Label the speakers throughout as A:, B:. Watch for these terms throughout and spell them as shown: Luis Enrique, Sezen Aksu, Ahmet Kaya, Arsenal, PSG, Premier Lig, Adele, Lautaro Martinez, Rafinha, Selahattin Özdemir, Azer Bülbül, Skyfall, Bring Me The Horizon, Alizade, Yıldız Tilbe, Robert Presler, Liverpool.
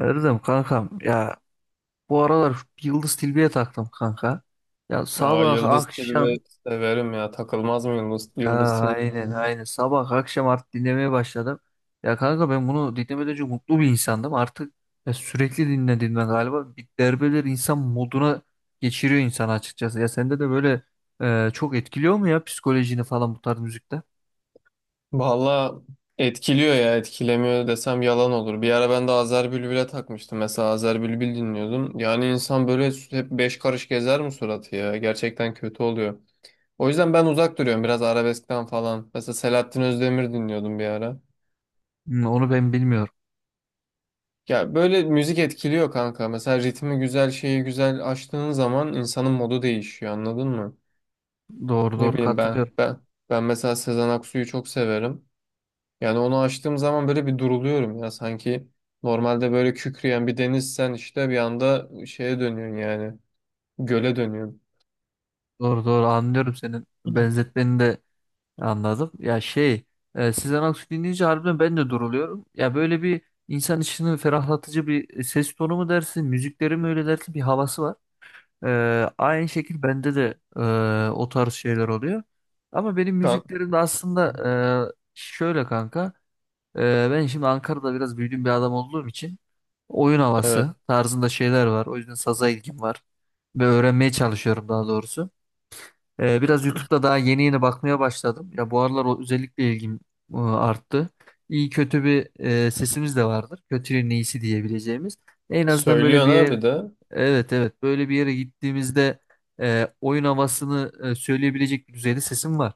A: Erdem kankam ya bu aralar Yıldız Tilbe'ye taktım kanka. Ya
B: Ya
A: sabah
B: Yıldız
A: akşam
B: Tilbe severim ya. Takılmaz mı Yıldız,
A: ya
B: Yıldız Tilbe?
A: aynen sabah akşam artık dinlemeye başladım. Ya kanka ben bunu dinlemeden önce mutlu bir insandım. Artık ya sürekli dinle galiba bir derbeler insan moduna geçiriyor insanı açıkçası. Ya sende de böyle çok etkiliyor mu ya psikolojini falan bu tarz müzikte?
B: Valla etkiliyor ya. Etkilemiyor desem yalan olur. Bir ara ben de Azer Bülbül'e takmıştım. Mesela Azer Bülbül dinliyordum. Yani insan böyle hep beş karış gezer mi suratı ya? Gerçekten kötü oluyor. O yüzden ben uzak duruyorum biraz arabeskten falan. Mesela Selahattin Özdemir dinliyordum bir ara.
A: Hmm. Onu ben bilmiyorum.
B: Ya böyle müzik etkiliyor kanka. Mesela ritmi güzel, şeyi güzel açtığın zaman insanın modu değişiyor, anladın mı?
A: Doğru
B: Ne
A: doğru
B: bileyim ben
A: katılıyorum.
B: ben ben mesela Sezen Aksu'yu çok severim. Yani onu açtığım zaman böyle bir duruluyorum ya, sanki normalde böyle kükreyen bir denizsen işte bir anda şeye dönüyorsun yani, göle dönüyorsun.
A: Doğru, anlıyorum senin benzetmeni de anladım. Ya şey Sezen Aksu dinleyince harbiden ben de duruluyorum. Ya böyle bir insan içini ferahlatıcı bir ses tonu mu dersin, müzikleri mi öyle dersin bir havası var. E, Aynı şekil bende de o tarz şeyler oluyor. Ama benim
B: Kan
A: müziklerim de aslında şöyle kanka. Ben şimdi Ankara'da biraz büyüdüğüm bir adam olduğum için oyun
B: evet,
A: havası tarzında şeyler var. O yüzden saza ilgim var ve öğrenmeye çalışıyorum daha doğrusu. Biraz YouTube'da daha yeni bakmaya başladım. Ya bu aralar o özellikle ilgim arttı. İyi kötü bir sesimiz de vardır. Kötünün iyisi diyebileceğimiz. En azından böyle
B: söylüyorsun
A: bir yer,
B: abi de
A: evet, evet, böyle bir yere gittiğimizde oyun havasını söyleyebilecek bir düzeyde sesim var.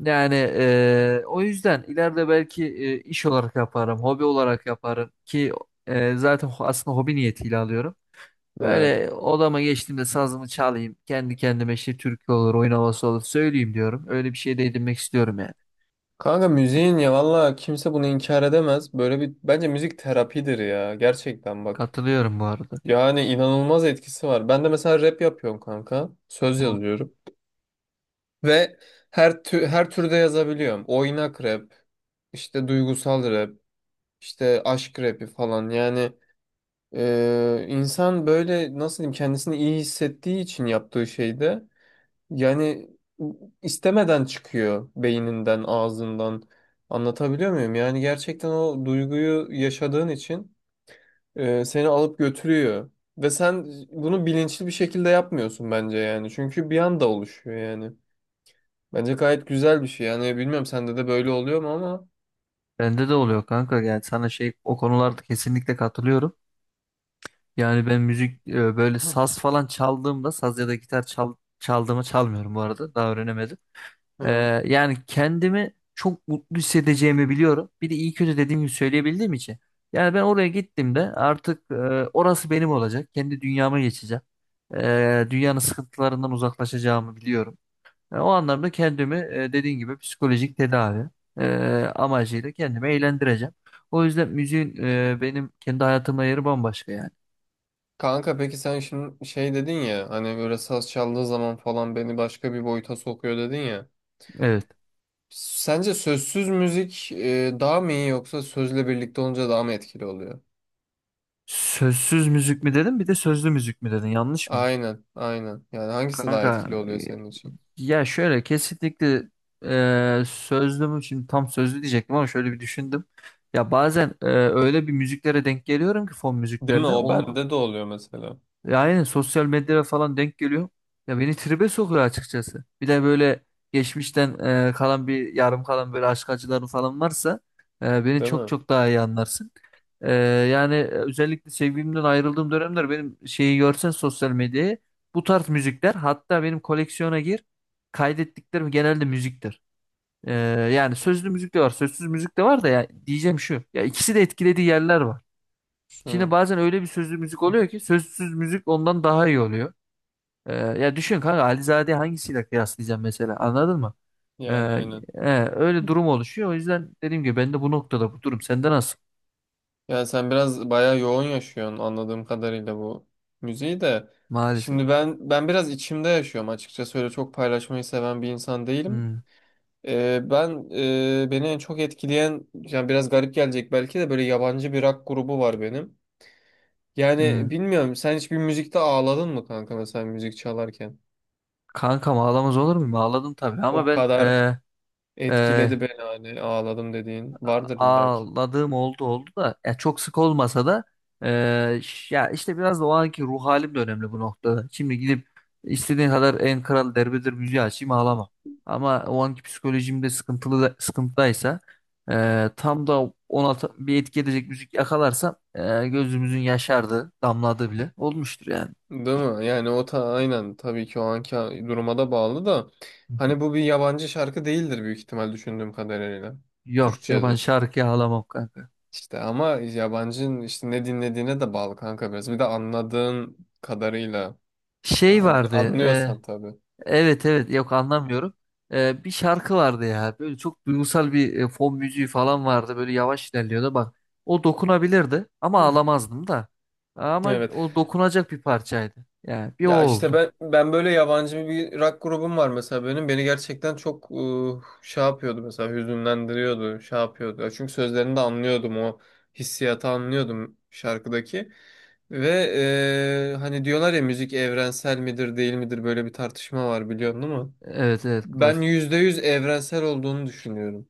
A: Yani o yüzden ileride belki iş olarak yaparım, hobi olarak yaparım ki zaten aslında hobi niyetiyle alıyorum.
B: evet.
A: Böyle odama geçtiğimde sazımı çalayım, kendi kendime işte türkü olur, oyun havası olur söyleyeyim diyorum. Öyle bir şey de edinmek istiyorum yani.
B: Kanka müziğin ya valla kimse bunu inkar edemez. Böyle bir, bence müzik terapidir ya, gerçekten bak.
A: Katılıyorum bu arada.
B: Yani inanılmaz etkisi var. Ben de mesela rap yapıyorum kanka. Söz
A: Bu
B: yazıyorum. Ve her türde yazabiliyorum. Oynak rap, işte duygusal rap, işte aşk rapi falan. Yani insan böyle nasıl diyeyim, kendisini iyi hissettiği için yaptığı şeyde yani istemeden çıkıyor beyninden, ağzından. Anlatabiliyor muyum? Yani gerçekten o duyguyu yaşadığın için seni alıp götürüyor. Ve sen bunu bilinçli bir şekilde yapmıyorsun bence yani. Çünkü bir anda oluşuyor yani. Bence gayet güzel bir şey. Yani bilmiyorum, sende de böyle oluyor mu ama.
A: Bende de oluyor kanka, yani sana şey, o konularda kesinlikle katılıyorum. Yani ben müzik böyle saz falan çaldığımda saz ya da gitar çaldığımı çalmıyorum bu arada, daha öğrenemedim. Ee,
B: Hı.
A: Yani kendimi çok mutlu hissedeceğimi biliyorum. Bir de iyi kötü dediğim gibi söyleyebildiğim için. Yani ben oraya gittiğimde artık orası benim olacak. Kendi dünyama geçeceğim. Dünyanın sıkıntılarından uzaklaşacağımı biliyorum. O anlamda kendimi dediğin gibi psikolojik tedavi e, amacıyla kendimi eğlendireceğim. O yüzden müziğin benim kendi hayatımda yeri bambaşka yani.
B: Kanka peki sen şimdi şey dedin ya, hani böyle saz çaldığı zaman falan beni başka bir boyuta sokuyor dedin ya.
A: Evet.
B: Sence sözsüz müzik daha mı iyi yoksa sözle birlikte olunca daha mı etkili oluyor?
A: Sözsüz müzik mi dedin bir de sözlü müzik mi dedin, yanlış mıyım?
B: Aynen, aynen. Yani hangisi daha
A: Kanka,
B: etkili oluyor senin için?
A: ya şöyle, kesinlikle sözlü mü şimdi, tam sözlü diyecektim ama şöyle bir düşündüm. Ya bazen öyle bir müziklere denk geliyorum ki, fon
B: Değil mi?
A: müziklerine.
B: O
A: Onun,
B: bende de oluyor mesela.
A: ya aynen, sosyal medyada falan denk geliyor. Ya beni tribe sokuyor açıkçası. Bir de böyle geçmişten kalan bir yarım kalan böyle aşk acıları falan varsa beni
B: Değil
A: çok
B: mi?
A: çok daha iyi anlarsın. E, Yani özellikle sevgilimden ayrıldığım dönemler benim şeyi görsen sosyal medyayı, bu tarz müzikler, hatta benim koleksiyona kaydettiklerim genelde müziktir. E, Yani sözlü müzik de var, sözsüz müzik de var da ya, diyeceğim şu. Ya ikisi de etkilediği yerler var. Şimdi
B: Hı.
A: bazen öyle bir sözlü müzik oluyor ki sözsüz müzik ondan daha iyi oluyor. Ya düşün kanka, Alizade'yi hangisiyle kıyaslayacağım mesela, anladın mı? Ee,
B: Yani aynen.
A: Öyle durum oluşuyor. O yüzden dediğim gibi ben de bu noktada bu durum. Sende nasıl?
B: Yani sen biraz bayağı yoğun yaşıyorsun anladığım kadarıyla bu müziği de.
A: Maalesef.
B: Şimdi ben biraz içimde yaşıyorum açıkçası, öyle çok paylaşmayı seven bir insan değilim.
A: Hmm.
B: Ben beni en çok etkileyen, yani biraz garip gelecek belki de, böyle yabancı bir rock grubu var benim. Yani
A: Hmm.
B: bilmiyorum, sen hiç bir müzikte ağladın mı kanka, mesela müzik çalarken?
A: Kankam, ağlamaz olur muyum? Ağladım tabii ama
B: O
A: ben
B: kadar
A: e,
B: etkiledi beni hani, ağladım dediğin vardır illa ki.
A: ağladığım oldu, da ya çok sık olmasa da ya işte biraz da o anki ruh halim de önemli bu noktada. Şimdi gidip istediğin kadar en kral derbedir müziği açayım, ağlama. Ama o anki psikolojimde sıkıntılı da, sıkıntıdaysa tam da ona bir etki edecek müzik yakalarsam gözümüzün yaşardığı, damladığı bile olmuştur yani.
B: Değil mi? Yani o ta aynen, tabii ki o anki duruma da bağlı da hani, bu bir yabancı şarkı değildir büyük ihtimal düşündüğüm kadarıyla.
A: Yok, yaban
B: Türkçedir.
A: şarkıya ağlamam kanka.
B: İşte ama yabancının işte ne dinlediğine de bağlı kanka biraz. Bir de anladığın kadarıyla
A: Şey vardı
B: Anlıyorsan tabii.
A: evet, evet, yok, anlamıyorum. Bir şarkı vardı ya, böyle çok duygusal bir fon müziği falan vardı, böyle yavaş ilerliyordu bak, o dokunabilirdi ama ağlamazdım da, ama
B: Evet.
A: o dokunacak bir parçaydı yani, bir o
B: Ya işte
A: oldu.
B: ben böyle yabancı bir rock grubum var mesela benim. Beni gerçekten çok şey yapıyordu, mesela hüzünlendiriyordu, şey yapıyordu. Ya çünkü sözlerini de anlıyordum, o hissiyatı anlıyordum şarkıdaki. Ve hani diyorlar ya, müzik evrensel midir değil midir, böyle bir tartışma var biliyorsun değil mi?
A: Evet, evet,
B: Ben
A: klasik.
B: %100 evrensel olduğunu düşünüyorum.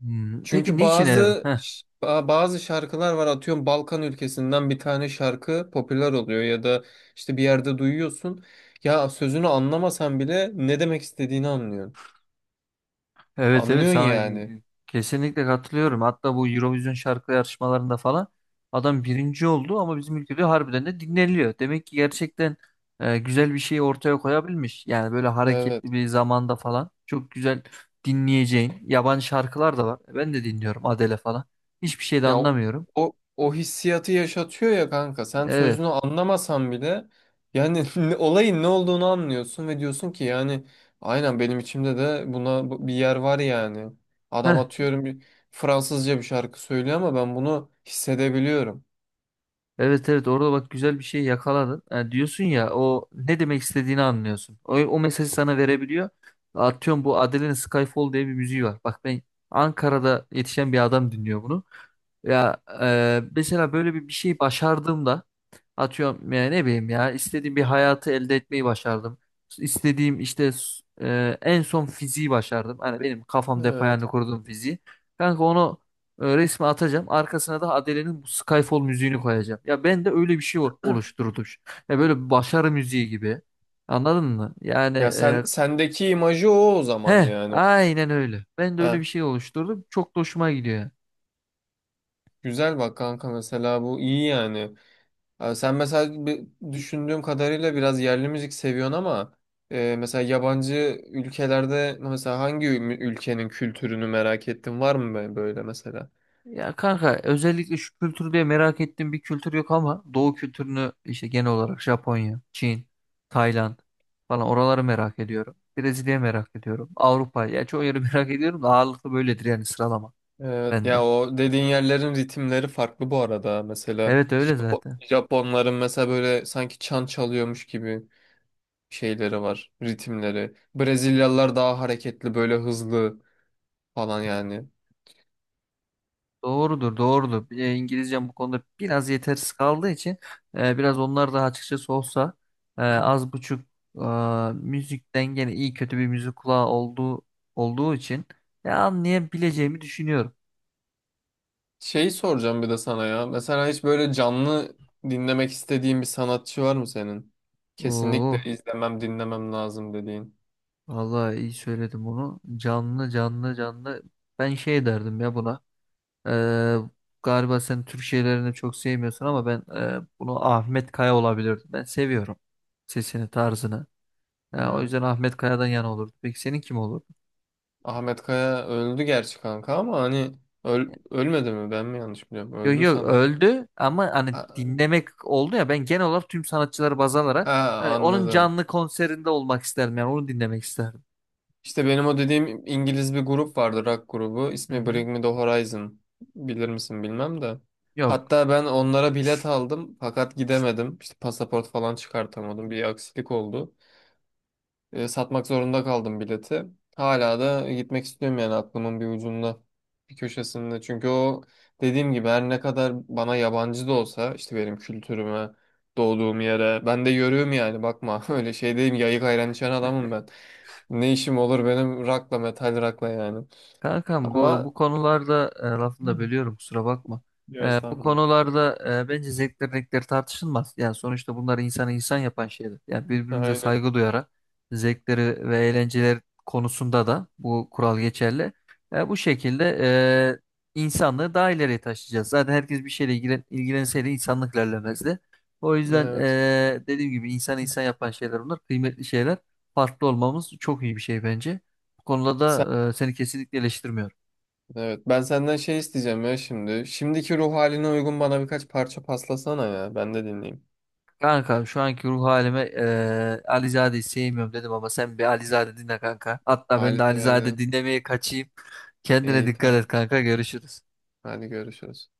A: Hmm. Peki
B: Çünkü
A: niçin Evrim?
B: bazı bazı şarkılar var, atıyorum Balkan ülkesinden bir tane şarkı popüler oluyor ya da işte bir yerde duyuyorsun. Ya sözünü anlamasan bile ne demek istediğini anlıyorsun.
A: Evet, evet,
B: Anlıyorsun
A: sana
B: yani.
A: kesinlikle katılıyorum. Hatta bu Eurovision şarkı yarışmalarında falan adam birinci oldu ama bizim ülkede harbiden de dinleniliyor. Demek ki gerçekten güzel bir şey ortaya koyabilmiş. Yani böyle hareketli
B: Evet.
A: bir zamanda falan çok güzel dinleyeceğin yabancı şarkılar da var. Ben de dinliyorum, Adele falan. Hiçbir şey de
B: Ya o,
A: anlamıyorum.
B: o, o hissiyatı yaşatıyor ya kanka. Sen
A: Evet.
B: sözünü anlamasan bile yani olayın ne olduğunu anlıyorsun ve diyorsun ki yani aynen, benim içimde de buna bir yer var yani. Adam
A: Heh.
B: atıyorum bir Fransızca bir şarkı söylüyor ama ben bunu hissedebiliyorum.
A: Evet, evet, orada bak güzel bir şey yakaladın. Ha, diyorsun ya o ne demek istediğini anlıyorsun. O mesajı sana verebiliyor. Atıyorum, bu Adele'nin Skyfall diye bir müziği var. Bak ben Ankara'da yetişen bir adam dinliyor bunu. Ya mesela böyle bir şey başardığımda, atıyorum ya, ne bileyim, ya istediğim bir hayatı elde etmeyi başardım. İstediğim işte en son fiziği başardım. Hani benim kafamda hep
B: Evet.
A: hayalini kurduğum fiziği. Kanka onu resmi atacağım. Arkasına da Adele'nin bu Skyfall müziğini koyacağım. Ya ben de öyle bir şey oluşturdum. Ya böyle bir başarı müziği gibi. Anladın mı? Yani
B: Ya sen sendeki imajı o, o zaman
A: he
B: yani.
A: aynen öyle. Ben de öyle bir
B: Ha,
A: şey oluşturdum. Çok da hoşuma gidiyor.
B: güzel bak kanka, mesela bu iyi yani. Sen mesela düşündüğüm kadarıyla biraz yerli müzik seviyorsun ama mesela yabancı ülkelerde mesela hangi ülkenin kültürünü merak ettin, var mı böyle mesela?
A: Ya kanka, özellikle şu kültür diye merak ettiğim bir kültür yok ama Doğu kültürünü, işte genel olarak Japonya, Çin, Tayland falan, oraları merak ediyorum. Brezilya merak ediyorum. Avrupa ya, çoğu yeri merak ediyorum da ağırlıklı böyledir yani sıralama
B: Evet,
A: bende.
B: ya o dediğin yerlerin ritimleri farklı bu arada. Mesela
A: Evet, öyle zaten.
B: Japonların mesela böyle sanki çan çalıyormuş gibi şeyleri var, ritimleri. Brezilyalılar daha hareketli, böyle hızlı falan yani.
A: Doğrudur, doğrudur. E, İngilizcem bu konuda biraz yetersiz kaldığı için biraz onlar da açıkçası olsa az buçuk e, müzikten gene iyi kötü bir müzik kulağı olduğu için anlayabileceğimi düşünüyorum.
B: Şeyi soracağım bir de sana ya. Mesela hiç böyle canlı dinlemek istediğin bir sanatçı var mı senin?
A: Oo,
B: Kesinlikle izlemem, dinlemem lazım dediğin.
A: vallahi iyi söyledim bunu. Canlı. Ben şey derdim ya buna. E, Galiba sen Türk şeylerini çok sevmiyorsun ama ben bunu Ahmet Kaya olabilirdim. Ben seviyorum sesini, tarzını. Ya, o
B: Ha.
A: yüzden Ahmet Kaya'dan yana olurdu. Peki senin kim olurdu?
B: Ahmet Kaya öldü gerçi kanka, ama hani ölmedi mi? Ben mi yanlış biliyorum?
A: Yok,
B: Öldü
A: yok,
B: sanırım.
A: öldü ama hani
B: Ha,
A: dinlemek oldu ya, ben genel olarak tüm sanatçıları baz alarak
B: ha,
A: hani onun
B: anladım.
A: canlı konserinde olmak isterdim, yani onu dinlemek isterdim.
B: İşte benim o dediğim İngiliz bir grup vardı, rock grubu.
A: Hı
B: İsmi
A: hı.
B: Bring Me The Horizon. Bilir misin bilmem de.
A: Yok.
B: Hatta ben onlara bilet aldım fakat gidemedim. İşte pasaport falan çıkartamadım. Bir aksilik oldu. E, satmak zorunda kaldım bileti. Hala da gitmek istiyorum yani, aklımın bir ucunda, bir köşesinde. Çünkü o dediğim gibi her ne kadar bana yabancı da olsa, işte benim kültürüme, doğduğum yere, ben de yörüğüm yani, bakma öyle şey değilim, yayık ayran içen adamım ben. Ne işim olur benim rakla, metal rakla yani.
A: Kankam, bu
B: Ama
A: bu konularda lafını da
B: Hı.
A: bölüyorum, kusura bakma.
B: Yo,
A: E, bu
B: estağfurullah.
A: konularda bence zevkler renkler tartışılmaz. Yani sonuçta bunlar insanı insan yapan şeyler. Yani birbirimize
B: Aynen.
A: saygı duyarak zevkleri ve eğlenceler konusunda da bu kural geçerli. E, bu şekilde insanlığı daha ileriye taşıyacağız. Zaten herkes bir şeyle ilgilenseydi insanlık ilerlemezdi. O yüzden
B: Evet.
A: dediğim gibi insanı insan yapan şeyler bunlar. Kıymetli şeyler. Farklı olmamız çok iyi bir şey bence. Bu konuda
B: Sen,
A: da seni kesinlikle eleştirmiyorum.
B: evet. Ben senden şey isteyeceğim ya şimdi. Şimdiki ruh haline uygun bana birkaç parça paslasana ya. Ben de dinleyeyim.
A: Kanka şu anki ruh halime Alizade'yi sevmiyorum dedim ama sen bir Alizade dinle kanka. Hatta ben de Alizade
B: Alizade.
A: dinlemeye kaçayım. Kendine
B: İyi,
A: dikkat et
B: tamam.
A: kanka, görüşürüz.
B: Hadi görüşürüz.